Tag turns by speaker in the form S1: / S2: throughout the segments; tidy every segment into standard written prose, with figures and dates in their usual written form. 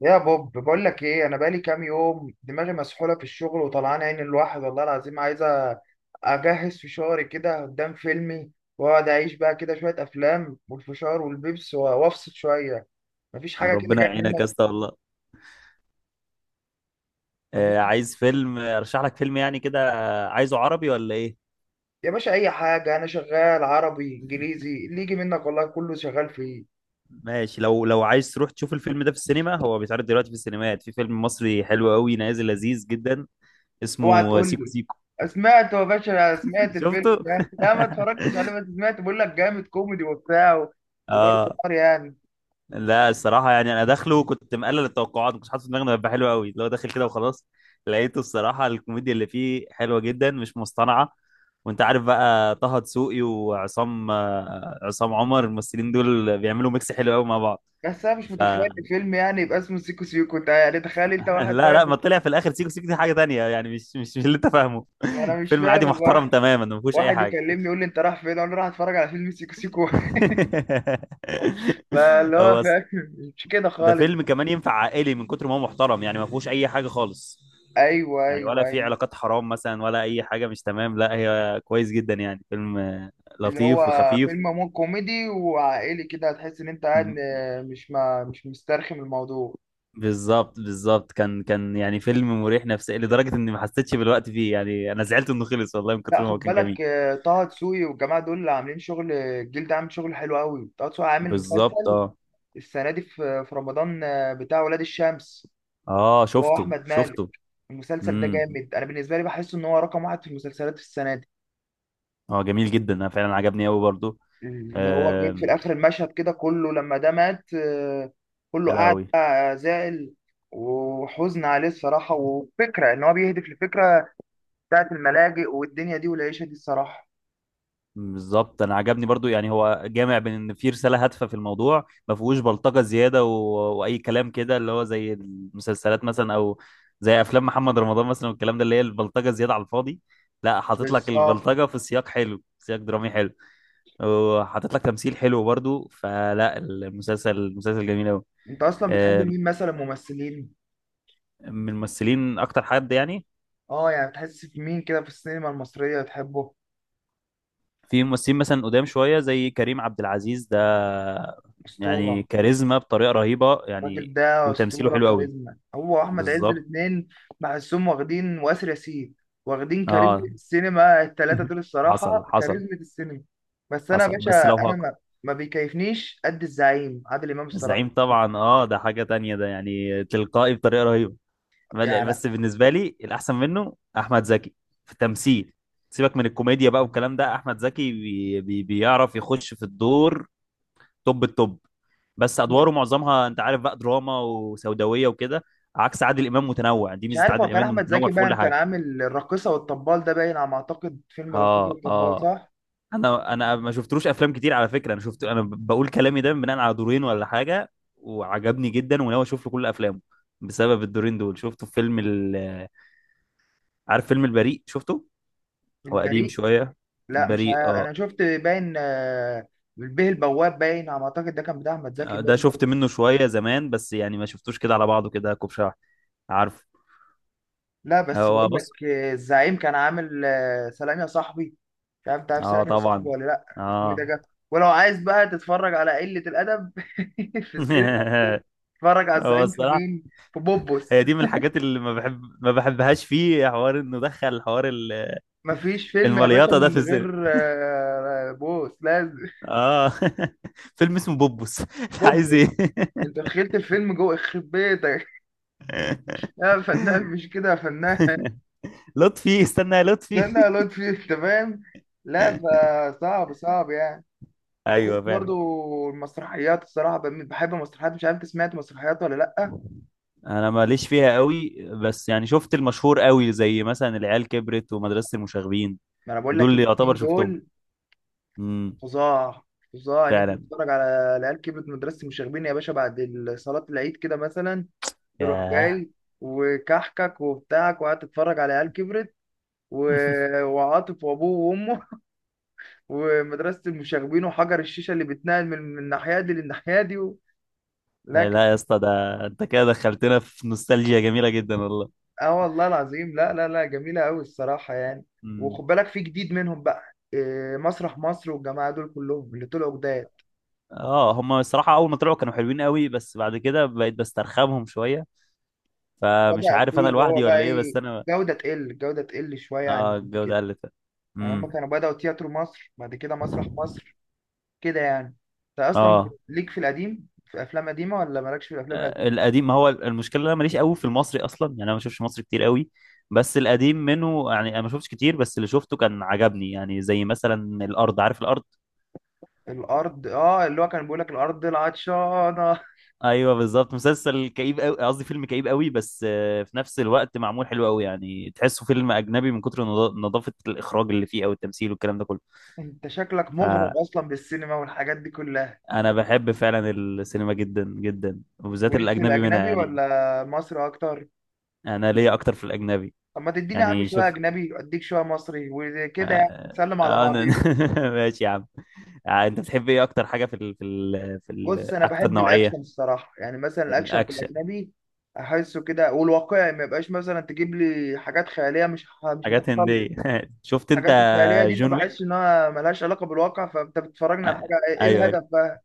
S1: يا بوب بقول لك ايه، انا بقالي كام يوم دماغي مسحوله في الشغل وطلعان عين الواحد والله العظيم عايزه اجهز فشاري كده قدام فيلمي واقعد اعيش بقى كده شويه افلام والفشار والبيبس وافصل شويه. مفيش حاجه كده
S2: ربنا
S1: جايه
S2: يعينك يا
S1: منك؟
S2: اسطى والله.
S1: مفيش
S2: عايز فيلم، ارشح لك فيلم يعني كده. عايزه عربي ولا ايه؟
S1: يا باشا. اي حاجه انا شغال عربي انجليزي، اللي يجي منك والله كله شغال فيه.
S2: ماشي، لو عايز تروح تشوف الفيلم ده في السينما، هو بيتعرض دلوقتي في السينمات، في فيلم مصري حلو قوي نازل لذيذ جدا،
S1: اوعى
S2: اسمه
S1: تقول
S2: سيكو
S1: لي.
S2: سيكو.
S1: سمعت يا باشا، سمعت الفيلم
S2: شفته.
S1: ده. لا ما اتفرجتش عليه بس سمعت، بقول لك جامد كوميدي وبتاع وضرب
S2: اه.
S1: نار يعني.
S2: لا، الصراحة يعني أنا داخله كنت مقلل التوقعات، ما كنتش حاطط في دماغي إنه هيبقى حلو قوي، اللي هو داخل كده وخلاص. لقيته الصراحة الكوميديا اللي فيه حلوة جدا، مش مصطنعة. وأنت عارف بقى طه دسوقي وعصام، عصام عمر، الممثلين دول بيعملوا ميكس حلو قوي مع بعض.
S1: بس انا مش متخيل
S2: فلا.
S1: الفيلم يعني يبقى اسمه سيكو سيكو، انت يعني تخيل انت واحد
S2: لا
S1: رايح.
S2: لا، ما طلع في الآخر سيكو سيكو دي حاجة تانية، يعني مش اللي أنت فاهمه.
S1: انا مش
S2: فيلم
S1: فاهم
S2: عادي
S1: ابقى
S2: محترم
S1: راح
S2: تماما، ما فيهوش أي
S1: واحد
S2: حاجة.
S1: يكلمني يقول لي انت رايح فين، اقول له رايح اتفرج على فيلم سيكو سيكو. فاللي هو
S2: هو
S1: فاهم مش كده
S2: ده
S1: خالص.
S2: فيلم كمان ينفع عائلي، من كتر ما هو محترم. يعني ما فيهوش اي حاجه خالص،
S1: ايوه
S2: يعني
S1: ايوه
S2: ولا في
S1: ايوه.
S2: علاقات حرام مثلا ولا اي حاجه مش تمام. لا، هي كويس جدا يعني، فيلم
S1: اللي هو
S2: لطيف وخفيف.
S1: فيلم مو كوميدي وعائلي كده، هتحس ان انت قاعد
S2: م-
S1: مش مسترخم الموضوع.
S2: بالظبط بالظبط، كان يعني فيلم مريح نفسيا، لدرجه اني ما حسيتش بالوقت فيه. يعني انا زعلت انه خلص والله من
S1: لا
S2: كتر ما هو
S1: خد
S2: كان
S1: بالك
S2: جميل.
S1: طه دسوقي والجماعه دول اللي عاملين شغل، الجيل ده عامل شغل حلو قوي. طه دسوقي عامل
S2: بالظبط
S1: مسلسل
S2: اه.
S1: السنه دي في رمضان، بتاع ولاد الشمس.
S2: اه،
S1: هو
S2: شفته
S1: احمد مالك.
S2: شفته.
S1: المسلسل ده
S2: امم
S1: جامد، انا بالنسبه لي بحس ان هو رقم واحد في المسلسلات في السنه دي.
S2: اه، جميل جدا، انا فعلا عجبني قوي برضو.
S1: اللي هو جيت في
S2: آم،
S1: الاخر المشهد كده كله لما ده مات، كله
S2: يا
S1: قاعد
S2: لهوي.
S1: بقى زعل وحزن عليه الصراحه. وفكره ان هو بيهدف لفكره بتاعت الملاجئ والدنيا دي والعيشه دي الصراحه.
S2: بالظبط، انا عجبني برضو، يعني هو جامع بين ان في رساله هادفه في الموضوع، ما فيهوش بلطجه زياده و... واي كلام كده، اللي هو زي المسلسلات مثلا، او زي افلام محمد رمضان مثلا والكلام ده، اللي هي البلطجه زياده على الفاضي. لا، حاطط لك
S1: بالظبط.
S2: البلطجه في سياق حلو، سياق درامي حلو، وحاطط لك تمثيل حلو برضو. فلا، المسلسل جميل قوي.
S1: انت اصلا بتحب مين مثلا ممثلين؟
S2: من الممثلين اكتر حد يعني؟
S1: اه يعني بتحس في مين كده في السينما المصريه بتحبه؟
S2: في ممثلين مثلا قدام شويه، زي كريم عبد العزيز ده، يعني
S1: اسطوره.
S2: كاريزما بطريقه رهيبه
S1: الراجل
S2: يعني،
S1: ده
S2: وتمثيله
S1: اسطوره
S2: حلو قوي.
S1: كاريزما، هو واحمد عز
S2: بالظبط
S1: الاثنين. بحسهم واخدين، واسر ياسين، واخدين كاريزما
S2: اه.
S1: السينما الثلاثه دول
S2: حصل
S1: الصراحه،
S2: حصل
S1: كاريزما السينما. بس انا يا
S2: حصل،
S1: باشا
S2: بس لو
S1: انا
S2: هق.
S1: ما بيكيفنيش قد الزعيم عادل امام الصراحه
S2: الزعيم طبعا اه، ده حاجه تانية، ده يعني تلقائي بطريقه رهيبه.
S1: يعني.
S2: بس بالنسبه لي الاحسن منه احمد زكي في التمثيل. سيبك من الكوميديا بقى والكلام ده، احمد زكي بي بي بيعرف يخش في الدور، توب التوب. بس
S1: أحمد-
S2: ادواره معظمها انت عارف بقى دراما وسوداويه وكده، عكس عادل امام، متنوع، دي
S1: مش
S2: ميزه
S1: عارف هو
S2: عادل
S1: كان
S2: امام، إنه
S1: احمد
S2: متنوع
S1: زكي
S2: في
S1: باين،
S2: كل
S1: كان
S2: حاجه.
S1: عامل الراقصه والطبال، ده باين على ما اعتقد فيلم الراقصه
S2: اه
S1: والطبال
S2: اه.
S1: صح؟
S2: انا ما شفتلوش افلام كتير على فكره، انا شفت، انا بقول كلامي ده بناء على دورين ولا حاجه، وعجبني جدا، وناوي اشوف له كل افلامه بسبب الدورين دول. شفته في عارف فيلم البريء؟ شفته. هو قديم
S1: البريء.
S2: شويه.
S1: لا مش
S2: البريء
S1: عارف،
S2: اه.
S1: انا شفت باين البيه البواب، باين على ما اعتقد ده كان بتاع احمد زكي
S2: ده
S1: باين.
S2: شفت منه شويه زمان، بس يعني ما شفتوش كده على بعضه كده كوب شرح. عارف.
S1: لا بس بقول
S2: هو بص.
S1: لك، الزعيم كان عامل، سلام يا صاحبي. مش عارف انت عارف
S2: اه
S1: سلام يا صاحبي
S2: طبعا.
S1: ولا لا؟ الفيلم ده
S2: اه.
S1: جاب. ولو عايز بقى تتفرج على قلة الأدب في السينما، اتفرج على
S2: هو
S1: الزعيم في
S2: الصراحة،
S1: مين. في بوبوس.
S2: هي دي من الحاجات اللي ما بحبهاش فيه، حوار انه دخل حوار
S1: مفيش فيلم يا باشا
S2: المليطة ده في
S1: من
S2: السينما.
S1: غير، بوس لازم.
S2: اه. فيلم اسمه بوبوس، انت عايز
S1: بوبوس.
S2: ايه؟
S1: انت دخلت الفيلم جوه يخرب بيتك. لا يا فنان، مش كده يا فنان.
S2: لطفي، استنى يا لطفي.
S1: استنى يا لطفي، انت فاهم. لا. فصعب صعب يعني. بتحس
S2: ايوه فعلا.
S1: برضو. المسرحيات الصراحة بحب المسرحيات، مش عارف انت سمعت مسرحيات ولا لأ؟
S2: انا ماليش فيها قوي، بس يعني شفت المشهور قوي، زي مثلا العيال كبرت ومدرسة المشاغبين،
S1: ما انا بقول
S2: دول
S1: لك
S2: اللي يعتبر
S1: الاتنين
S2: شفتهم.
S1: دول.
S2: امم
S1: فظاع، فظاع ان انت
S2: فعلا.
S1: تتفرج على العيال كبرت، مدرسة المشاغبين يا باشا بعد صلاة العيد كده مثلا، تروح
S2: ياه.
S1: جاي وكحكك وبتاعك وقاعد تتفرج على عيال كبرت وعاطف وابوه وامه. ومدرسة المشاغبين وحجر الشيشة اللي بتنقل من الناحية دي للناحية دي و… لا.
S2: لا يا اسطى، ده انت كده دخلتنا في نوستالجيا جميله جدا والله.
S1: اه والله العظيم، لا لا لا، جميلة قوي الصراحة يعني.
S2: مم.
S1: وخد بالك في جديد منهم بقى، مسرح مصر والجماعة دول كلهم اللي طلعوا جداد.
S2: اه، هم الصراحه اول ما طلعوا كانوا حلوين قوي، بس بعد كده بقيت بسترخمهم شويه، فمش
S1: بدأ
S2: عارف انا
S1: فيه اللي هو
S2: لوحدي
S1: بقى
S2: ولا ايه،
S1: ايه،
S2: بس انا
S1: جودة تقل الجودة تقل شوية عن
S2: اه.
S1: قبل
S2: الجوده
S1: كده.
S2: قلت.
S1: يعني هما
S2: امم
S1: كانوا بدأوا تياترو مصر بعد كده مسرح مصر كده يعني. انت اصلا
S2: اه.
S1: ليك في القديم في افلام قديمة ولا مالكش في الافلام القديمة؟
S2: القديم، ما هو المشكله إن انا ماليش قوي في المصري اصلا، يعني انا ما بشوفش مصري كتير قوي، بس القديم منه يعني انا ما شفتش كتير، بس اللي شفته كان عجبني. يعني زي مثلا الارض، عارف الارض؟
S1: الارض. اه اللي هو كان بيقول لك الارض العطشانة.
S2: ايوه بالظبط، مسلسل كئيب قوي، قصدي فيلم كئيب قوي، بس في نفس الوقت معمول حلو قوي، يعني تحسه فيلم اجنبي، من كتر نظافه الاخراج اللي فيه او التمثيل والكلام ده كله.
S1: انت شكلك
S2: فانا
S1: مغرم اصلا بالسينما والحاجات دي كلها.
S2: بحب فعلا السينما جدا جدا، وبالذات
S1: وليك في
S2: الاجنبي منها
S1: الاجنبي
S2: يعني.
S1: ولا مصر اكتر؟
S2: انا ليا اكتر في الاجنبي.
S1: طب ما تديني يا عم
S2: يعني
S1: شويه
S2: شوف،
S1: اجنبي اديك شويه مصري وكده يعني، نسلم على
S2: انا.
S1: بعضين.
S2: ماشي يا عم. انت بتحب ايه اكتر حاجه،
S1: بص، انا
S2: اكتر
S1: بحب الاكشن
S2: نوعيه؟
S1: الصراحه يعني، مثلا الاكشن في
S2: الاكشن.
S1: الاجنبي احسه كده والواقعي، ما يبقاش مثلا تجيب لي حاجات خياليه مش مش
S2: حاجات
S1: هتحصل لي.
S2: هنديه. شفت انت.
S1: الحاجات الخياليه دي ما
S2: جون
S1: بحسش
S2: ويك.
S1: انها ملهاش علاقه بالواقع، فانت بتتفرجنا على
S2: آه،
S1: حاجه ايه
S2: ايوه ايوه.
S1: الهدف بقى؟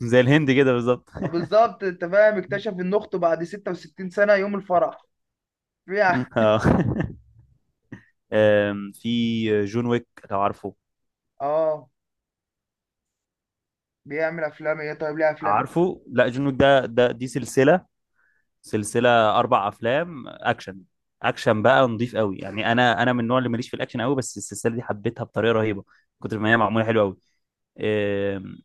S2: زي الهند كده بالظبط.
S1: آه بالظبط، انت فاهم، اكتشف ان اخته بعد 66 سنه يوم الفرح. بيع-
S2: اه. في جون ويك، لو عارفه.
S1: اه بيعمل افلام ايه طيب، ليه افلام ايه؟
S2: عارفه. لا، جون ويك ده ده دي سلسله، سلسله، اربع افلام اكشن. اكشن بقى نضيف قوي، يعني انا، انا من النوع اللي ماليش في الاكشن قوي، بس السلسله دي حبيتها بطريقه رهيبه، كتر ما هي معموله حلوه قوي. آم،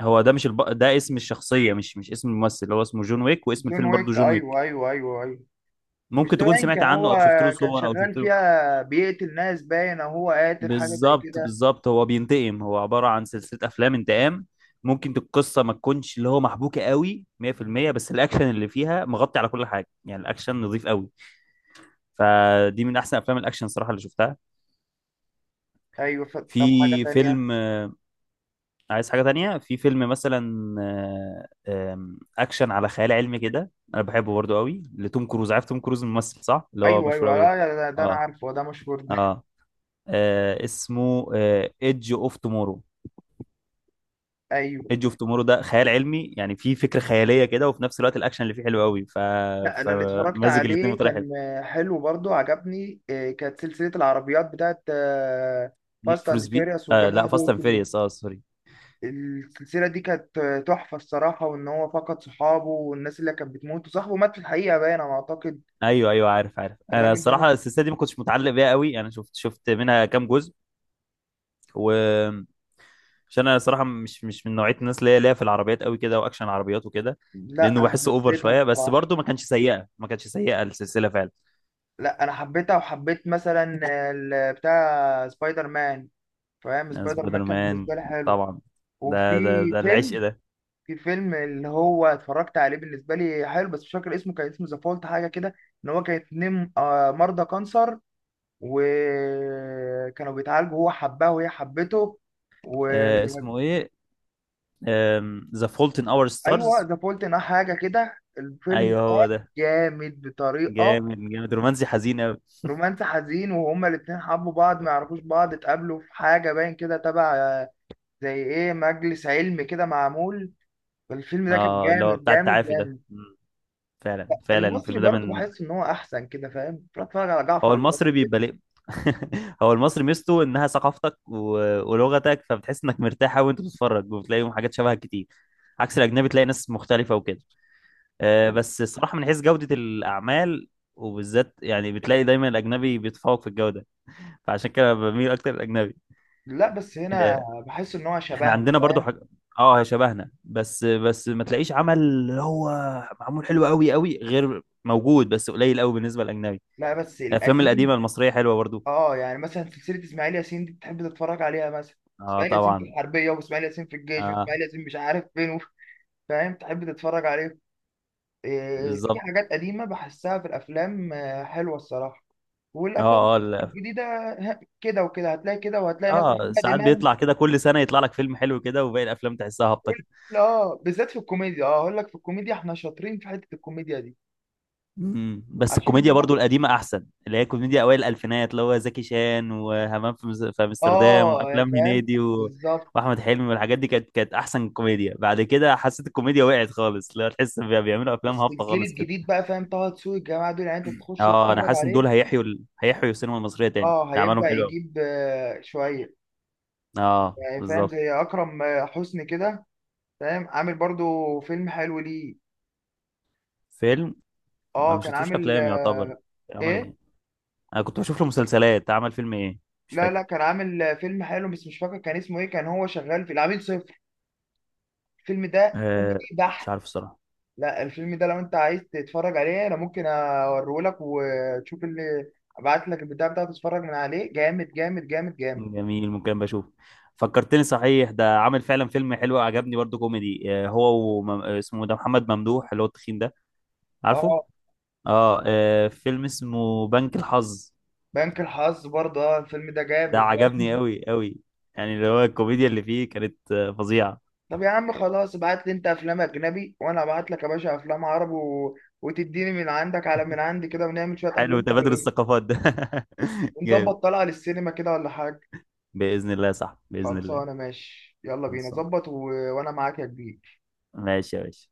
S2: هو ده، مش الب... ده اسم الشخصيه، مش اسم الممثل، هو اسمه جون ويك واسم
S1: جون
S2: الفيلم برضه
S1: ويك،
S2: جون ويك.
S1: ايوه ايوه ايوه ايوه. مش
S2: ممكن
S1: ده
S2: تكون
S1: باين
S2: سمعت
S1: كان
S2: عنه
S1: هو
S2: او شفت له
S1: كان
S2: صور او
S1: شغال
S2: شفت له.
S1: فيها بيقتل ناس باين، او هو قاتل حاجه زي
S2: بالظبط
S1: كده.
S2: بالظبط، هو بينتقم، هو عبارة عن سلسلة أفلام انتقام. ممكن القصة ما تكونش اللي هو محبوكة قوي 100%، بس الأكشن اللي فيها مغطي على كل حاجة، يعني الأكشن نظيف قوي. فدي من أحسن أفلام الأكشن صراحة اللي شفتها.
S1: ايوه ف… طب حاجه
S2: في
S1: تانية.
S2: فيلم عايز حاجة تانية، في فيلم مثلا آه، آم، أكشن على خيال علمي كده، أنا بحبه برضو قوي، لتوم كروز، عارف توم كروز الممثل، صح؟ اللي هو
S1: ايوه
S2: مشهور
S1: ايوه،
S2: قوي ده.
S1: لا ده, انا
S2: اه
S1: عارفه ده مشهور ده.
S2: اه. اسمه ايدج اوف تومورو.
S1: ايوه.
S2: ايدج اوف تومورو، ده خيال علمي، يعني فيه فكره خياليه كده، وفي نفس الوقت الاكشن اللي فيه حلو قوي، ف.
S1: لا انا اللي اتفرجت
S2: فمزج الاثنين
S1: عليه
S2: بطريقه حلوه.
S1: كان حلو برضو، عجبني كانت سلسله العربيات بتاعت
S2: نيد
S1: فاست
S2: فور
S1: اند
S2: سبيد،
S1: فيريوس
S2: آه لا،
S1: والجماعه
S2: فاست
S1: دول
S2: اند
S1: كلهم.
S2: فيريوس، اه سوري.
S1: السلسله دي كانت، تحفه الصراحه، وان هو فقد صحابه والناس اللي كانت بتموت، وصاحبه مات في الحقيقه باين انا اعتقد.
S2: ايوه ايوه عارف عارف، انا
S1: الراجل ده مات-
S2: الصراحه السلسله دي ما كنتش متعلق بيها قوي، انا شفت منها كام جزء، و. عشان انا صراحه مش من نوعيه الناس اللي هي ليا في العربيات قوي كده، واكشن عربيات وكده، لانه
S1: لا انا
S2: بحسه اوفر
S1: حسيتها
S2: شويه، بس
S1: الصراحه.
S2: برضه ما كانش سيئه، ما كانتش سيئه السلسله فعلا.
S1: لا انا حبيتها، وحبيت مثلا بتاع سبايدر مان. فاهم سبايدر مان
S2: سبايدر
S1: كان
S2: مان
S1: بالنسبه لي حلو.
S2: طبعا،
S1: وفي
S2: ده العشق
S1: فيلم
S2: ده.
S1: في فيلم اللي هو اتفرجت عليه بالنسبه لي حلو بس مش فاكر اسمه، كان اسمه ذا فولت حاجه كده. ان هو كان اتنين، مرضى كانسر، وكانوا بيتعالجوا، هو حبها وهي حبته، وايوه.
S2: اسمه ايه، ذا فولت ان اور ستارز.
S1: ذا فولت انها حاجه كده الفيلم
S2: ايوه
S1: ده،
S2: هو ده.
S1: جامد بطريقه.
S2: جامد جامد، رومانسي حزين قوي.
S1: رومانس حزين، وهما الاتنين حبوا بعض، ما يعرفوش بعض، اتقابلوا في حاجة باين كده تبع، زي ايه مجلس علمي كده معمول. الفيلم ده كان
S2: اه، اللي هو
S1: جامد
S2: بتاع
S1: جامد
S2: التعافي ده.
S1: جامد.
S2: مم. فعلا فعلا،
S1: المصري
S2: الفيلم ده
S1: برضو
S2: من.
S1: بحس ان هو احسن كده فاهم، بروح اتفرج على
S2: هو
S1: جعفر العمدة
S2: المصري
S1: كده.
S2: بيبقى ليه. هو المصري ميزته انها ثقافتك و... ولغتك، فبتحس انك مرتاح قوي وانت بتتفرج، وبتلاقيهم حاجات شبهها كتير، عكس الاجنبي تلاقي ناس مختلفه وكده. بس الصراحه من حيث جوده الاعمال، وبالذات يعني بتلاقي دايما الاجنبي بيتفوق في الجوده، فعشان كده بميل اكتر الاجنبي.
S1: لا بس هنا بحس ان هو
S2: احنا
S1: شبهنا
S2: عندنا برضو
S1: فاهم.
S2: حاجة، اه، هي شبهنا، بس ما تلاقيش عمل اللي هو معمول حلو قوي قوي، غير موجود، بس قليل قوي بالنسبة للأجنبي.
S1: لا بس
S2: الأفلام القديمة
S1: القديم.
S2: المصرية حلوة برضو.
S1: اه يعني مثلا سلسلة اسماعيل ياسين دي بتحب تتفرج عليها مثلا،
S2: اه
S1: اسماعيل ياسين في
S2: طبعا.
S1: الحربية، واسماعيل ياسين في الجيش،
S2: اه.
S1: واسماعيل ياسين مش عارف فين فاهم، تحب تتفرج عليه. في
S2: بالظبط.
S1: حاجات قديمة بحسها في الأفلام، حلوة الصراحة.
S2: اه
S1: والأفلام
S2: اه
S1: الجديدة كده وكده، هتلاقي كده وهتلاقي مثلا
S2: اه،
S1: محمد
S2: ساعات
S1: إمام.
S2: بيطلع كده كل سنة يطلع لك فيلم حلو كده، وباقي الأفلام تحسها هابطة.
S1: لا بالذات في الكوميديا، اه أقول لك، في الكوميديا إحنا شاطرين في حتة الكوميديا دي.
S2: مم. بس
S1: عشان دي
S2: الكوميديا
S1: بتاع-
S2: برضو القديمة أحسن، اللي هي كوميديا أوائل الألفينات، اللي هو زكي شان وهمام في في أمستردام،
S1: اه يا
S2: وأفلام
S1: فاهم
S2: هنيدي و...
S1: بالظبط.
S2: وأحمد حلمي والحاجات دي، كانت أحسن كوميديا. بعد كده حسيت الكوميديا وقعت خالص، لا، تحس بيعملوا أفلام
S1: بس
S2: هابطة
S1: الجيل
S2: خالص كده.
S1: الجديد بقى، فاهم، طه دسوقي الجماعة دول يعني أنت تخش
S2: أه، أنا
S1: تتفرج
S2: حاسس إن دول
S1: عليه.
S2: هيحيوا السينما المصرية تاني،
S1: اه
S2: ده أعمالهم
S1: هيبدأ
S2: حلوة أوي.
S1: يجيب، شوية
S2: أه
S1: يعني، فاهم،
S2: بالظبط.
S1: زي أكرم، حسني كده، فاهم، عامل برضو فيلم حلو ليه.
S2: فيلم. ما
S1: اه
S2: مش
S1: كان
S2: شفتوش
S1: عامل،
S2: أفلام يعتبر. عمل إيه؟
S1: ايه،
S2: أنا كنت بشوف له مسلسلات، عمل فيلم إيه؟ مش
S1: لا لا
S2: فاكر.
S1: كان عامل فيلم حلو بس مش فاكر كان اسمه ايه. كان هو شغال في العميل صفر، الفيلم ده كوميدي
S2: أه مش
S1: بحت.
S2: عارف الصراحة.
S1: لا الفيلم ده لو انت عايز تتفرج عليه انا ممكن اوريهولك، وتشوف اللي ابعت لك البتاع بتاعته تتفرج من عليه، جامد جامد جامد جامد.
S2: جميل، ممكن بشوف. فكرتني صحيح، ده عامل فعلا فيلم حلو عجبني برضو كوميدي، هو وم... آه، اسمه ده محمد ممدوح اللي هو التخين ده، عارفه؟
S1: اه،
S2: اه. فيلم اسمه بنك الحظ.
S1: بنك الحظ برضه، اه الفيلم ده
S2: ده
S1: جامد
S2: عجبني
S1: جامد.
S2: قوي قوي، يعني اللي هو الكوميديا اللي فيه كانت فظيعة.
S1: طب يا عم خلاص ابعت لي انت افلام اجنبي وانا ابعت لك يا باشا افلام عربي و… وتديني من عندك على من عندي كده، ونعمل شويه
S2: حلو
S1: افلام
S2: تبادل
S1: حلوين،
S2: الثقافات ده. جامد،
S1: ونظبط طلعه للسينما كده ولا حاجه.
S2: بإذن الله، صح، بإذن الله.
S1: خلصانه ماشي يلا بينا
S2: خلصان،
S1: ظبط و… وانا معاك يا كبير.
S2: ماشي يا باشا.